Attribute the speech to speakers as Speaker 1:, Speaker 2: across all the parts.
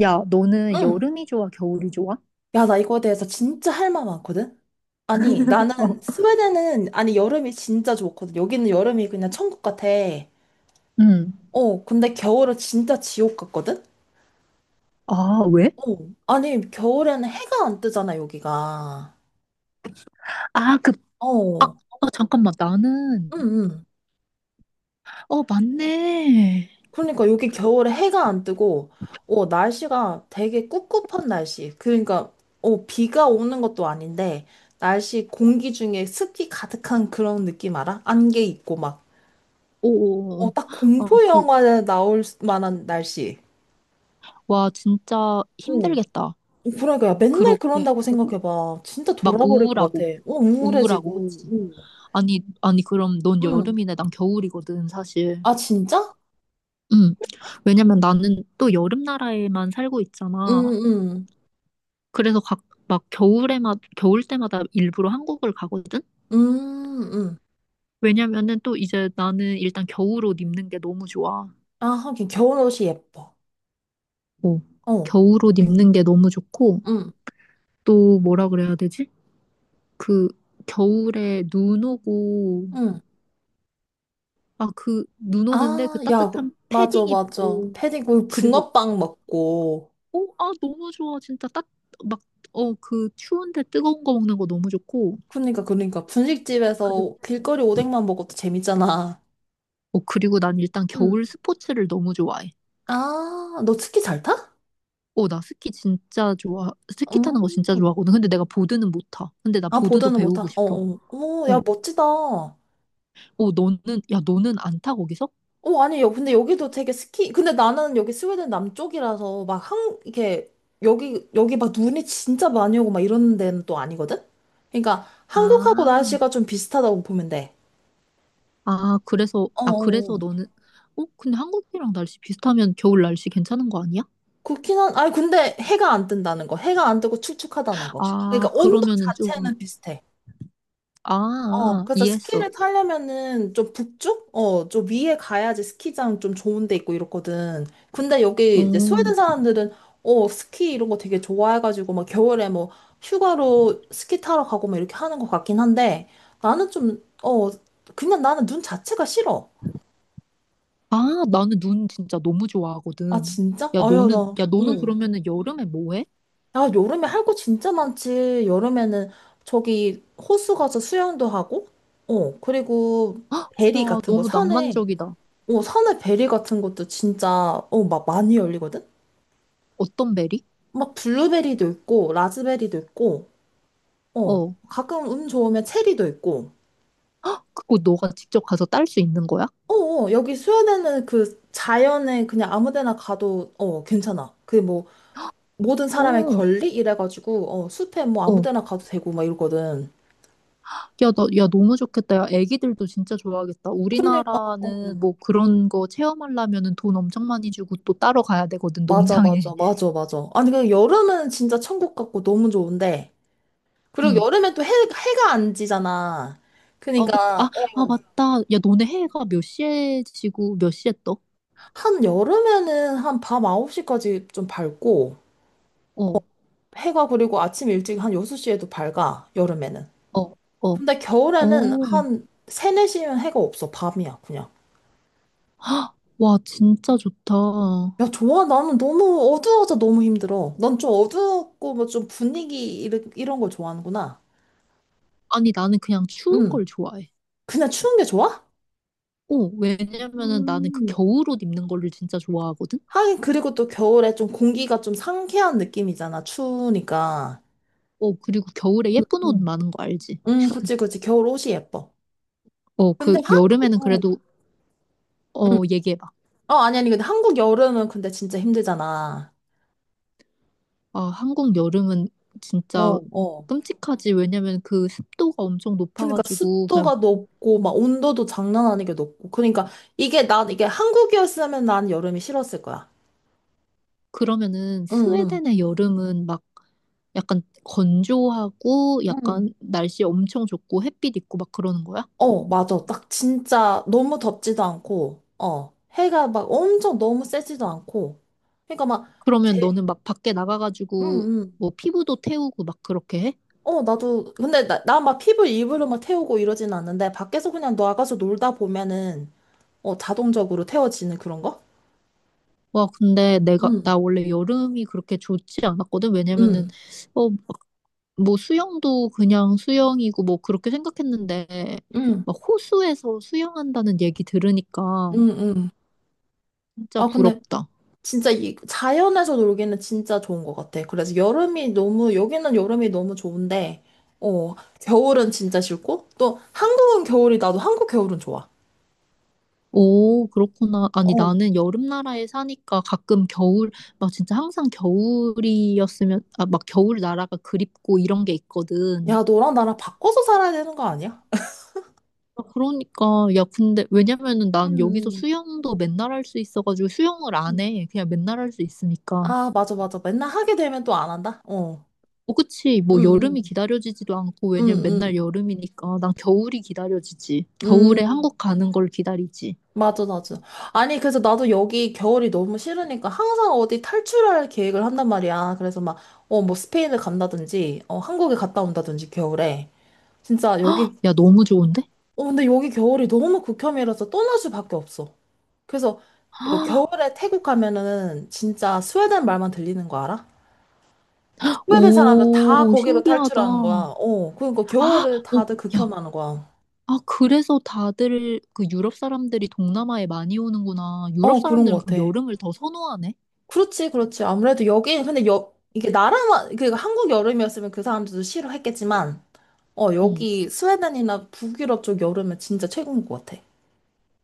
Speaker 1: 야, 너는
Speaker 2: 응.
Speaker 1: 여름이 좋아, 겨울이 좋아?
Speaker 2: 야, 나 이거에 대해서 진짜 할 말 많거든? 아니,
Speaker 1: 어,
Speaker 2: 여름이 진짜 좋거든. 여기는 여름이 그냥 천국 같아.
Speaker 1: 응.
Speaker 2: 근데 겨울은 진짜 지옥 같거든?
Speaker 1: 아, 왜?
Speaker 2: 어. 아니, 겨울에는 해가 안 뜨잖아, 여기가.
Speaker 1: 아, 그,
Speaker 2: 어.
Speaker 1: 어, 잠깐만, 나는,
Speaker 2: 응, 응.
Speaker 1: 맞네.
Speaker 2: 그러니까 여기 겨울에 해가 안 뜨고, 날씨가 되게 꿉꿉한 날씨. 그러니까, 비가 오는 것도 아닌데, 날씨 공기 중에 습기 가득한 그런 느낌 알아? 안개 있고 막.
Speaker 1: 오,
Speaker 2: 딱
Speaker 1: 아,
Speaker 2: 공포
Speaker 1: 그,
Speaker 2: 영화에 나올 만한 날씨.
Speaker 1: 와, 진짜
Speaker 2: 어.
Speaker 1: 힘들겠다.
Speaker 2: 그러니까 야, 맨날
Speaker 1: 그렇게,
Speaker 2: 그런다고 생각해봐. 진짜
Speaker 1: 막
Speaker 2: 돌아버릴 것 같아.
Speaker 1: 우울하고,
Speaker 2: 우울해지고.
Speaker 1: 그치?
Speaker 2: 어.
Speaker 1: 아니, 아니, 그럼 넌
Speaker 2: 응.
Speaker 1: 여름이네, 난 겨울이거든, 사실.
Speaker 2: 아, 진짜?
Speaker 1: 응. 왜냐면 나는 또 여름 나라에만 살고
Speaker 2: 응,
Speaker 1: 있잖아.
Speaker 2: 응.
Speaker 1: 그래서 각, 막 겨울 때마다 일부러 한국을 가거든?
Speaker 2: 응.
Speaker 1: 왜냐면은 또 이제 나는 일단 겨울옷 입는 게 너무 좋아.
Speaker 2: 아, 하긴 겨울옷이 예뻐.
Speaker 1: 어.
Speaker 2: 어.
Speaker 1: 겨울옷 입는 게 너무 좋고,
Speaker 2: 응,
Speaker 1: 또 뭐라 그래야 되지? 그 겨울에 눈 오고,
Speaker 2: 응.
Speaker 1: 그 눈 오는데 그
Speaker 2: 아, 야,
Speaker 1: 따뜻한
Speaker 2: 맞아,
Speaker 1: 패딩
Speaker 2: 맞아.
Speaker 1: 입고,
Speaker 2: 패딩, 그
Speaker 1: 그리고,
Speaker 2: 붕어빵 먹고.
Speaker 1: 너무 좋아. 진짜 따, 막, 어, 그 추운데 뜨거운 거 먹는 거 너무 좋고,
Speaker 2: 그러니까, 그러니까.
Speaker 1: 그리고,
Speaker 2: 분식집에서 길거리 오뎅만 먹어도 재밌잖아.
Speaker 1: 그리고 난 일단
Speaker 2: 응.
Speaker 1: 겨울 스포츠를 너무 좋아해.
Speaker 2: 아, 너 스키 잘 타?
Speaker 1: 나 스키 진짜 좋아. 스키 타는 거 진짜
Speaker 2: 음.
Speaker 1: 좋아하거든. 근데 내가 보드는 못 타. 근데 나
Speaker 2: 아,
Speaker 1: 보드도
Speaker 2: 보드는
Speaker 1: 배우고
Speaker 2: 못하. 어,
Speaker 1: 싶어.
Speaker 2: 어. 어, 야,
Speaker 1: 어,
Speaker 2: 멋지다. 어,
Speaker 1: 어, 너는, 야, 너는 안 타, 거기서?
Speaker 2: 아니, 근데 여기도 되게 스키, 근데 나는 여기 스웨덴 남쪽이라서 막 이렇게, 여기 막 눈이 진짜 많이 오고 막 이런 데는 또 아니거든? 그러니까 한국하고
Speaker 1: 아,
Speaker 2: 날씨가 좀 비슷하다고 보면 돼.
Speaker 1: 아, 그래서,
Speaker 2: 어, 어.
Speaker 1: 아, 그래서
Speaker 2: 어.
Speaker 1: 너는, 근데 한국이랑 날씨 비슷하면 겨울 날씨 괜찮은 거 아니야?
Speaker 2: 그렇긴 한, 아니, 근데 해가 안 뜬다는 거. 해가 안 뜨고 축축하다는 거.
Speaker 1: 아,
Speaker 2: 그러니까 온도
Speaker 1: 그러면은 좀,
Speaker 2: 자체는 비슷해.
Speaker 1: 아,
Speaker 2: 어,
Speaker 1: 아,
Speaker 2: 그래서
Speaker 1: 이해했어.
Speaker 2: 스키를 타려면은 좀 북쪽? 좀 위에 가야지 스키장 좀 좋은 데 있고 이렇거든. 근데 여기
Speaker 1: 어,
Speaker 2: 이제 스웨덴 사람들은 스키 이런 거 되게 좋아해가지고 막 겨울에 뭐 휴가로 스키 타러 가고 막 이렇게 하는 것 같긴 한데 나는 좀, 어, 그냥 나는 눈 자체가 싫어.
Speaker 1: 아, 나는 눈 진짜 너무
Speaker 2: 아,
Speaker 1: 좋아하거든.
Speaker 2: 진짜? 아유, 나,
Speaker 1: 야, 너는
Speaker 2: 어.
Speaker 1: 그러면은 여름에 뭐 해?
Speaker 2: 야, 여름에 할 거 진짜 많지. 여름에는 저기 호수 가서 수영도 하고, 그리고 베리
Speaker 1: 야,
Speaker 2: 같은 거
Speaker 1: 너무
Speaker 2: 산에
Speaker 1: 낭만적이다.
Speaker 2: 산에 베리 같은 것도 진짜, 막 많이 열리거든?
Speaker 1: 어떤 베리?
Speaker 2: 막 블루베리도 있고, 라즈베리도 있고,
Speaker 1: 어,
Speaker 2: 가끔 운 좋으면 체리도 있고,
Speaker 1: 그거 너가 직접 가서 딸 수 있는 거야?
Speaker 2: 어, 어, 여기 스웨덴은 그 자연에 그냥 아무 데나 가도, 괜찮아. 그 뭐, 모든 사람의
Speaker 1: 어,
Speaker 2: 권리? 이래가지고, 숲에 뭐 아무
Speaker 1: 어.
Speaker 2: 데나 가도 되고, 막 이러거든.
Speaker 1: 야, 너무 좋겠다. 야, 애기들도 진짜 좋아하겠다.
Speaker 2: 그러니까,
Speaker 1: 우리나라는 뭐 그런 거 체험하려면은 돈 엄청 많이 주고 또 따로 가야 되거든,
Speaker 2: 맞아,
Speaker 1: 농장에.
Speaker 2: 맞아, 맞아, 맞아. 아니, 그 여름은 진짜 천국 같고 너무 좋은데, 그리고
Speaker 1: 응.
Speaker 2: 여름엔 또 해, 해가 안 지잖아.
Speaker 1: 아, 그, 아,
Speaker 2: 그니까, 러
Speaker 1: 아, 맞다. 야, 너네 해가 몇 시에 지고 몇 시에 떠?
Speaker 2: 한 여름에는 한 밤 9시까지 좀 밝고,
Speaker 1: 어,
Speaker 2: 해가 그리고 아침 일찍 한 6시에도 밝아, 여름에는.
Speaker 1: 어, 어,
Speaker 2: 근데
Speaker 1: 어.
Speaker 2: 겨울에는 한 3, 4시면 해가 없어, 밤이야, 그냥.
Speaker 1: 와, 진짜 좋다.
Speaker 2: 야, 좋아. 나는 너무 어두워서 너무 힘들어. 넌 좀 어두웠고, 뭐 좀 분위기 이런 걸 좋아하는구나.
Speaker 1: 아니, 나는 그냥 추운
Speaker 2: 응.
Speaker 1: 걸 좋아해.
Speaker 2: 그냥 추운 게 좋아?
Speaker 1: 왜냐면은 나는 그
Speaker 2: 음.
Speaker 1: 겨울 옷 입는 거를 진짜 좋아하거든?
Speaker 2: 하긴, 그리고 또 겨울에 좀 공기가 좀 상쾌한 느낌이잖아, 추우니까.
Speaker 1: 그리고 겨울에
Speaker 2: 응,
Speaker 1: 예쁜 옷 많은 거 알지?
Speaker 2: 그치, 그치. 겨울 옷이 예뻐. 근데
Speaker 1: 그
Speaker 2: 한국,
Speaker 1: 여름에는
Speaker 2: 어,
Speaker 1: 그래도,
Speaker 2: 응.
Speaker 1: 얘기해봐.
Speaker 2: 아니, 아니, 근데 한국 여름은 근데 진짜 힘들잖아.
Speaker 1: 아, 한국 여름은
Speaker 2: 어,
Speaker 1: 진짜
Speaker 2: 어.
Speaker 1: 끔찍하지. 왜냐면 그 습도가 엄청
Speaker 2: 그러니까
Speaker 1: 높아가지고, 그냥,
Speaker 2: 습도가 높고, 막 온도도 장난 아니게 높고. 그러니까 이게 한국이었으면 난 여름이 싫었을 거야.
Speaker 1: 그러면은
Speaker 2: 응, 응,
Speaker 1: 스웨덴의 여름은 막 약간 건조하고,
Speaker 2: 응.
Speaker 1: 약간 날씨 엄청 좋고, 햇빛 있고 막 그러는 거야?
Speaker 2: 어, 맞아. 딱 진짜 너무 덥지도 않고, 어. 해가 막 엄청 너무 세지도 않고. 그러니까 막,
Speaker 1: 그러면
Speaker 2: 제,
Speaker 1: 너는 막 밖에
Speaker 2: 응,
Speaker 1: 나가가지고,
Speaker 2: 응.
Speaker 1: 뭐 피부도 태우고 막 그렇게 해?
Speaker 2: 나도, 근데 나 막 피부 일부러 막 태우고 이러진 않는데, 밖에서 그냥 나가서 놀다 보면은, 자동적으로 태워지는 그런 거? 응.
Speaker 1: 나 원래 여름이 그렇게 좋지 않았거든? 왜냐면은,
Speaker 2: 응,
Speaker 1: 어, 뭐 수영도 그냥 수영이고 뭐 그렇게 생각했는데
Speaker 2: 응,
Speaker 1: 막 호수에서 수영한다는 얘기 들으니까
Speaker 2: 응, 응.
Speaker 1: 진짜
Speaker 2: 아, 근데
Speaker 1: 부럽다.
Speaker 2: 진짜 이 자연에서 놀기는 진짜 좋은 것 같아. 그래서 여름이 너무, 여기는 여름이 너무 좋은데, 어, 겨울은 진짜 싫고, 또 한국은 겨울이, 나도 한국 겨울은 좋아.
Speaker 1: 오, 그렇구나. 아니
Speaker 2: 어.
Speaker 1: 나는 여름 나라에 사니까 가끔 겨울 막 진짜 항상 겨울이었으면 막 겨울 나라가 그립고 이런 게 있거든.
Speaker 2: 야, 너랑 나랑 바꿔서 살아야 되는 거 아니야?
Speaker 1: 그러니까 야 근데 왜냐면은 난 여기서
Speaker 2: 응,
Speaker 1: 수영도 맨날 할 수 있어가지고 수영을 안
Speaker 2: 응.
Speaker 1: 해. 그냥 맨날 할 수 있으니까.
Speaker 2: 아, 맞아, 맞아. 맨날 하게 되면 또 안 한다? 어.
Speaker 1: 그치.
Speaker 2: 응,
Speaker 1: 뭐 여름이
Speaker 2: 응,
Speaker 1: 기다려지지도 않고,
Speaker 2: 응,
Speaker 1: 왜냐면
Speaker 2: 응.
Speaker 1: 맨날 여름이니까. 난 겨울이 기다려지지. 겨울에
Speaker 2: 응.
Speaker 1: 한국 가는 걸 기다리지.
Speaker 2: 맞아, 맞아. 아니, 그래서 나도 여기 겨울이 너무 싫으니까 항상 어디 탈출할 계획을 한단 말이야. 그래서 막, 뭐 스페인을 간다든지, 한국에 갔다 온다든지, 겨울에. 진짜 여기,
Speaker 1: 야, 너무 좋은데?
Speaker 2: 근데 여기 겨울이 너무 극혐이라서 떠날 수밖에 없어. 그래서 이거 겨울에 태국 가면은 진짜 스웨덴 말만 들리는 거 알아? 스웨덴 사람들 다
Speaker 1: 오,
Speaker 2: 거기로
Speaker 1: 신기하다.
Speaker 2: 탈출하는
Speaker 1: 아,
Speaker 2: 거야. 그러니까 겨울을
Speaker 1: 오,
Speaker 2: 다들
Speaker 1: 야.
Speaker 2: 극혐하는 거야.
Speaker 1: 그래서 다들 그 유럽 사람들이 동남아에 많이 오는구나. 유럽
Speaker 2: 어, 그런
Speaker 1: 사람들은
Speaker 2: 것
Speaker 1: 그럼
Speaker 2: 같아.
Speaker 1: 여름을 더 선호하네?
Speaker 2: 그렇지, 그렇지. 아무래도 여기, 근데 이게 그 한국 여름이었으면 그 사람들도 싫어했겠지만,
Speaker 1: 응.
Speaker 2: 여기 스웨덴이나 북유럽 쪽 여름은 진짜 최고인 것 같아.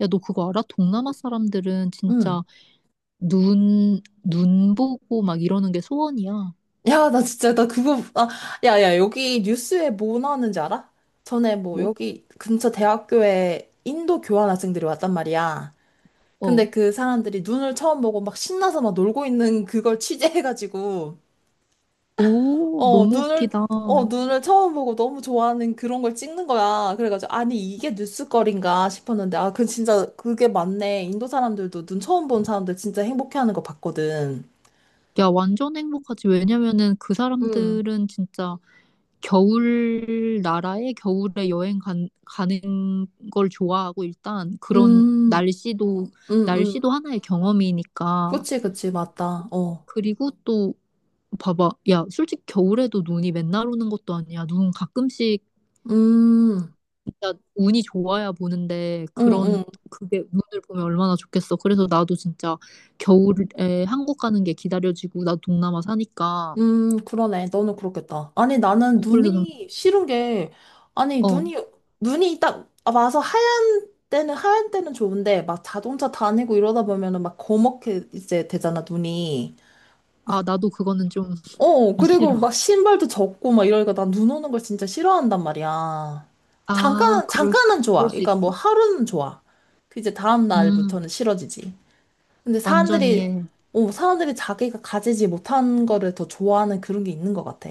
Speaker 1: 야, 너 그거 알아? 동남아 사람들은
Speaker 2: 응.
Speaker 1: 진짜 눈 보고 막 이러는 게 소원이야.
Speaker 2: 야, 나 진짜, 나 그거, 아, 야, 야, 여기 뉴스에 뭐 나왔는지 알아? 전에 뭐
Speaker 1: 뭐?
Speaker 2: 여기 근처 대학교에 인도 교환 학생들이 왔단 말이야.
Speaker 1: 어.
Speaker 2: 근데 그 사람들이 눈을 처음 보고 막 신나서 막 놀고 있는 그걸 취재해가지고,
Speaker 1: 오,
Speaker 2: 어,
Speaker 1: 너무
Speaker 2: 눈을,
Speaker 1: 웃기다.
Speaker 2: 눈을 처음 보고 너무 좋아하는 그런 걸 찍는 거야. 그래가지고, 아니, 이게 뉴스거리인가 싶었는데, 아, 그 진짜 그게 맞네. 인도 사람들도 눈 처음 본 사람들 진짜 행복해하는 거 봤거든.
Speaker 1: 야, 완전 행복하지. 왜냐면은 그
Speaker 2: 음,
Speaker 1: 사람들은 진짜 겨울 나라에 겨울에 여행 가는 걸 좋아하고 일단 그런
Speaker 2: 음, 음, 음.
Speaker 1: 날씨도 하나의 경험이니까.
Speaker 2: 그치, 그치, 맞다. 어.
Speaker 1: 그리고 또 봐봐. 야, 솔직히 겨울에도 눈이 맨날 오는 것도 아니야. 눈 가끔씩
Speaker 2: 음,
Speaker 1: 진짜 운이 좋아야 보는데
Speaker 2: 응
Speaker 1: 그런
Speaker 2: 응
Speaker 1: 그게 눈을 보면 얼마나 좋겠어. 그래서 나도 진짜 겨울에 한국 가는 게 기다려지고 나도 동남아 사니까
Speaker 2: 그러네. 너는 그렇겠다. 아니, 나는
Speaker 1: 어, 그래서 난,
Speaker 2: 눈이 싫은 게, 아니,
Speaker 1: 어
Speaker 2: 눈이 딱 와서 하얀 때는 좋은데, 막 자동차 다니고 이러다 보면은 막 거먹게 이제 되잖아, 눈이.
Speaker 1: 아, 나도 그거는 좀
Speaker 2: 그리고
Speaker 1: 싫어.
Speaker 2: 막 신발도 젖고 막 이러니까 난 눈 오는 걸 진짜 싫어한단 말이야.
Speaker 1: 아, 그럴 수,
Speaker 2: 잠깐은 좋아.
Speaker 1: 그럴 수
Speaker 2: 그러니까 뭐
Speaker 1: 있어.
Speaker 2: 하루는 좋아. 그 이제 다음
Speaker 1: 음,
Speaker 2: 날부터는 싫어지지. 근데
Speaker 1: 완전 이해해.
Speaker 2: 사람들이 자기가 가지지 못한 거를 더 좋아하는 그런 게 있는 것 같아.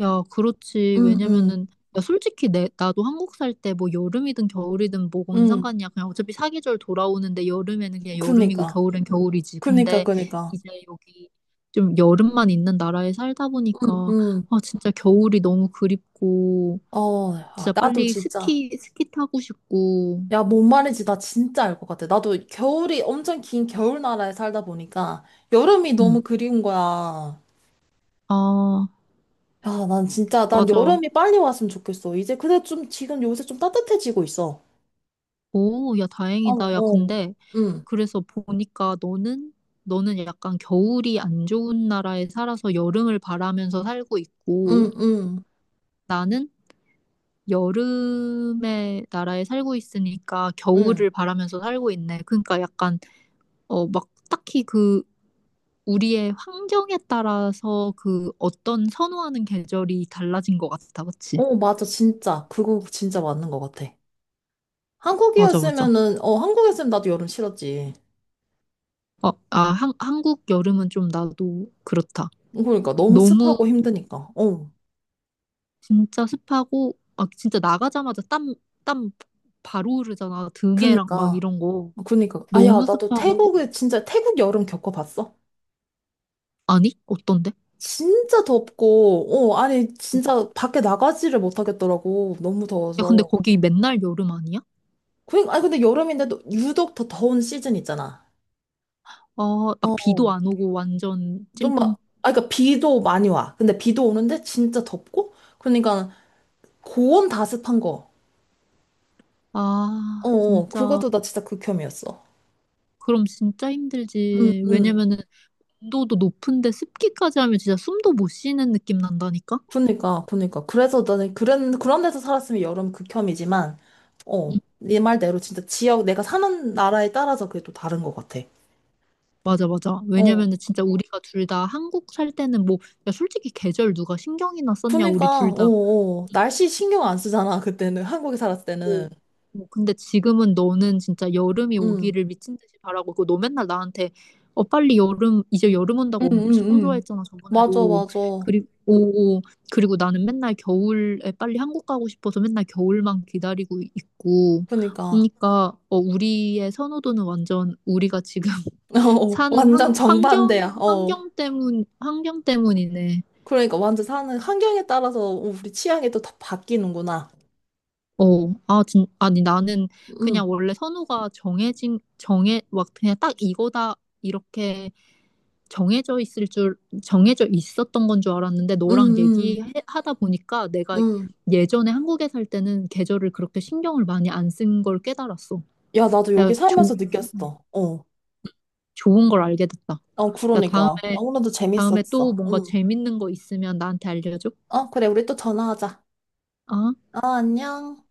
Speaker 1: 야, 그렇지.
Speaker 2: 응, 응,
Speaker 1: 왜냐면은, 야, 솔직히 나도 한국 살 때 뭐 여름이든 겨울이든 뭐뭔
Speaker 2: 응.
Speaker 1: 상관이야. 그냥 어차피 사계절 돌아오는데 여름에는 그냥 여름이고
Speaker 2: 그니까.
Speaker 1: 겨울엔 겨울이지.
Speaker 2: 그니까,
Speaker 1: 근데
Speaker 2: 그니까.
Speaker 1: 이제 여기 좀 여름만 있는 나라에 살다
Speaker 2: 응,
Speaker 1: 보니까,
Speaker 2: 응.
Speaker 1: 아, 진짜 겨울이 너무 그립고,
Speaker 2: 아,
Speaker 1: 진짜
Speaker 2: 나도
Speaker 1: 빨리
Speaker 2: 진짜.
Speaker 1: 스키 타고 싶고,
Speaker 2: 야, 뭔 말인지 나 진짜 알 것 같아. 나도 겨울이 엄청 긴 겨울 나라에 살다 보니까 여름이 너무
Speaker 1: 음.
Speaker 2: 그리운 거야.
Speaker 1: 아,
Speaker 2: 야, 난 진짜, 난
Speaker 1: 맞아.
Speaker 2: 여름이 빨리 왔으면 좋겠어. 이제 근데 좀 지금 요새 좀 따뜻해지고 있어.
Speaker 1: 오, 야,
Speaker 2: 어,
Speaker 1: 다행이다. 야,
Speaker 2: 어.
Speaker 1: 근데,
Speaker 2: 응,
Speaker 1: 그래서 보니까 너는 약간 겨울이 안 좋은 나라에 살아서 여름을 바라면서 살고 있고,
Speaker 2: 응, 응,
Speaker 1: 나는 여름의 나라에 살고 있으니까
Speaker 2: 응.
Speaker 1: 겨울을 바라면서 살고 있네. 그러니까 약간, 막 딱히 그, 우리의 환경에 따라서 그 어떤 선호하는 계절이 달라진 것 같다. 그치?
Speaker 2: 어, 맞아. 진짜. 그거 진짜 맞는 것 같아.
Speaker 1: 맞아, 맞아.
Speaker 2: 한국이었으면은, 한국이었으면 나도 여름 싫었지.
Speaker 1: 한국 여름은 좀 나도 그렇다.
Speaker 2: 그러니까 너무 습하고
Speaker 1: 너무
Speaker 2: 힘드니까. 어.
Speaker 1: 진짜 습하고 진짜 나가자마자 땀 바로 흐르잖아 등에랑 막
Speaker 2: 그니까.
Speaker 1: 이런 거
Speaker 2: 그니까. 아, 야,
Speaker 1: 너무
Speaker 2: 나도
Speaker 1: 습하고
Speaker 2: 태국에 진짜 태국 여름 겪어봤어.
Speaker 1: 아니 어떤데?
Speaker 2: 진짜 덥고, 아니, 진짜 밖에 나가지를 못하겠더라고. 너무
Speaker 1: 야 근데
Speaker 2: 더워서.
Speaker 1: 거기 맨날 여름 아니야?
Speaker 2: 그니까, 아니, 근데 여름인데도 유독 더 더운 시즌 있잖아.
Speaker 1: 아막
Speaker 2: 어.
Speaker 1: 비도 안 오고 완전 찜통
Speaker 2: 그니까 비도 많이 와. 근데 비도 오는데 진짜 덥고, 그러니까 고온 다습한 거. 어,
Speaker 1: 아
Speaker 2: 어,
Speaker 1: 진짜
Speaker 2: 그것도 나 진짜 극혐이었어.
Speaker 1: 그럼 진짜
Speaker 2: 응,
Speaker 1: 힘들지
Speaker 2: 응.
Speaker 1: 왜냐면은 온도도 높은데 습기까지 하면 진짜 숨도 못 쉬는 느낌 난다니까?
Speaker 2: 그니까, 그니까. 그래서 나는 그런 데서 살았으면 여름 극혐이지만,
Speaker 1: 응,
Speaker 2: 네 말대로 진짜 내가 사는 나라에 따라서 그게 또 다른 것 같아.
Speaker 1: 맞아 맞아
Speaker 2: 어.
Speaker 1: 왜냐면은 진짜 우리가 둘 다 한국 살 때는 뭐 야 솔직히 계절 누가 신경이나 썼냐 우리
Speaker 2: 그니까,
Speaker 1: 둘다
Speaker 2: 어, 어. 날씨 신경 안 쓰잖아, 그때는. 한국에 살았을 때는.
Speaker 1: 오. 뭐 근데 지금은 너는 진짜 여름이
Speaker 2: 음.
Speaker 1: 오기를 미친 듯이 바라고 있고 너 맨날 나한테 빨리 여름 이제 여름
Speaker 2: 응,
Speaker 1: 온다고
Speaker 2: 응, 응.
Speaker 1: 엄청
Speaker 2: 응.
Speaker 1: 좋아했잖아
Speaker 2: 맞아,
Speaker 1: 저번에도
Speaker 2: 맞아.
Speaker 1: 그리고 오, 그리고 나는 맨날 겨울에 빨리 한국 가고 싶어서 맨날 겨울만 기다리고 있고
Speaker 2: 그니까.
Speaker 1: 그러니까 우리의 선호도는 완전 우리가 지금
Speaker 2: 어,
Speaker 1: 사는
Speaker 2: 완전
Speaker 1: 환, 환경
Speaker 2: 정반대야. 어.
Speaker 1: 환경 때문 환경 때문이네
Speaker 2: 그러니까 완전 사는 환경에 따라서 우리 취향이 또 다 바뀌는구나.
Speaker 1: 아니, 나는
Speaker 2: 응,
Speaker 1: 그냥 원래 선호가 막 그냥 딱 이거다, 이렇게 정해져 있을 줄, 정해져 있었던 건 줄 알았는데,
Speaker 2: 응,
Speaker 1: 너랑
Speaker 2: 응,
Speaker 1: 얘기하다 보니까 내가
Speaker 2: 응.
Speaker 1: 예전에 한국에 살 때는 계절을 그렇게 신경을 많이 안 쓴 걸 깨달았어.
Speaker 2: 야, 나도
Speaker 1: 야,
Speaker 2: 여기
Speaker 1: 조,
Speaker 2: 살면서 느꼈어. 어.
Speaker 1: 좋은 걸 알게 됐다.
Speaker 2: 어,
Speaker 1: 야,
Speaker 2: 그러니까.
Speaker 1: 다음에,
Speaker 2: 오늘도
Speaker 1: 다음에 또
Speaker 2: 재밌었어.
Speaker 1: 뭔가
Speaker 2: 응.
Speaker 1: 재밌는 거 있으면 나한테 알려줘.
Speaker 2: 어, 그래, 우리 또 전화하자.
Speaker 1: 아.
Speaker 2: 안녕.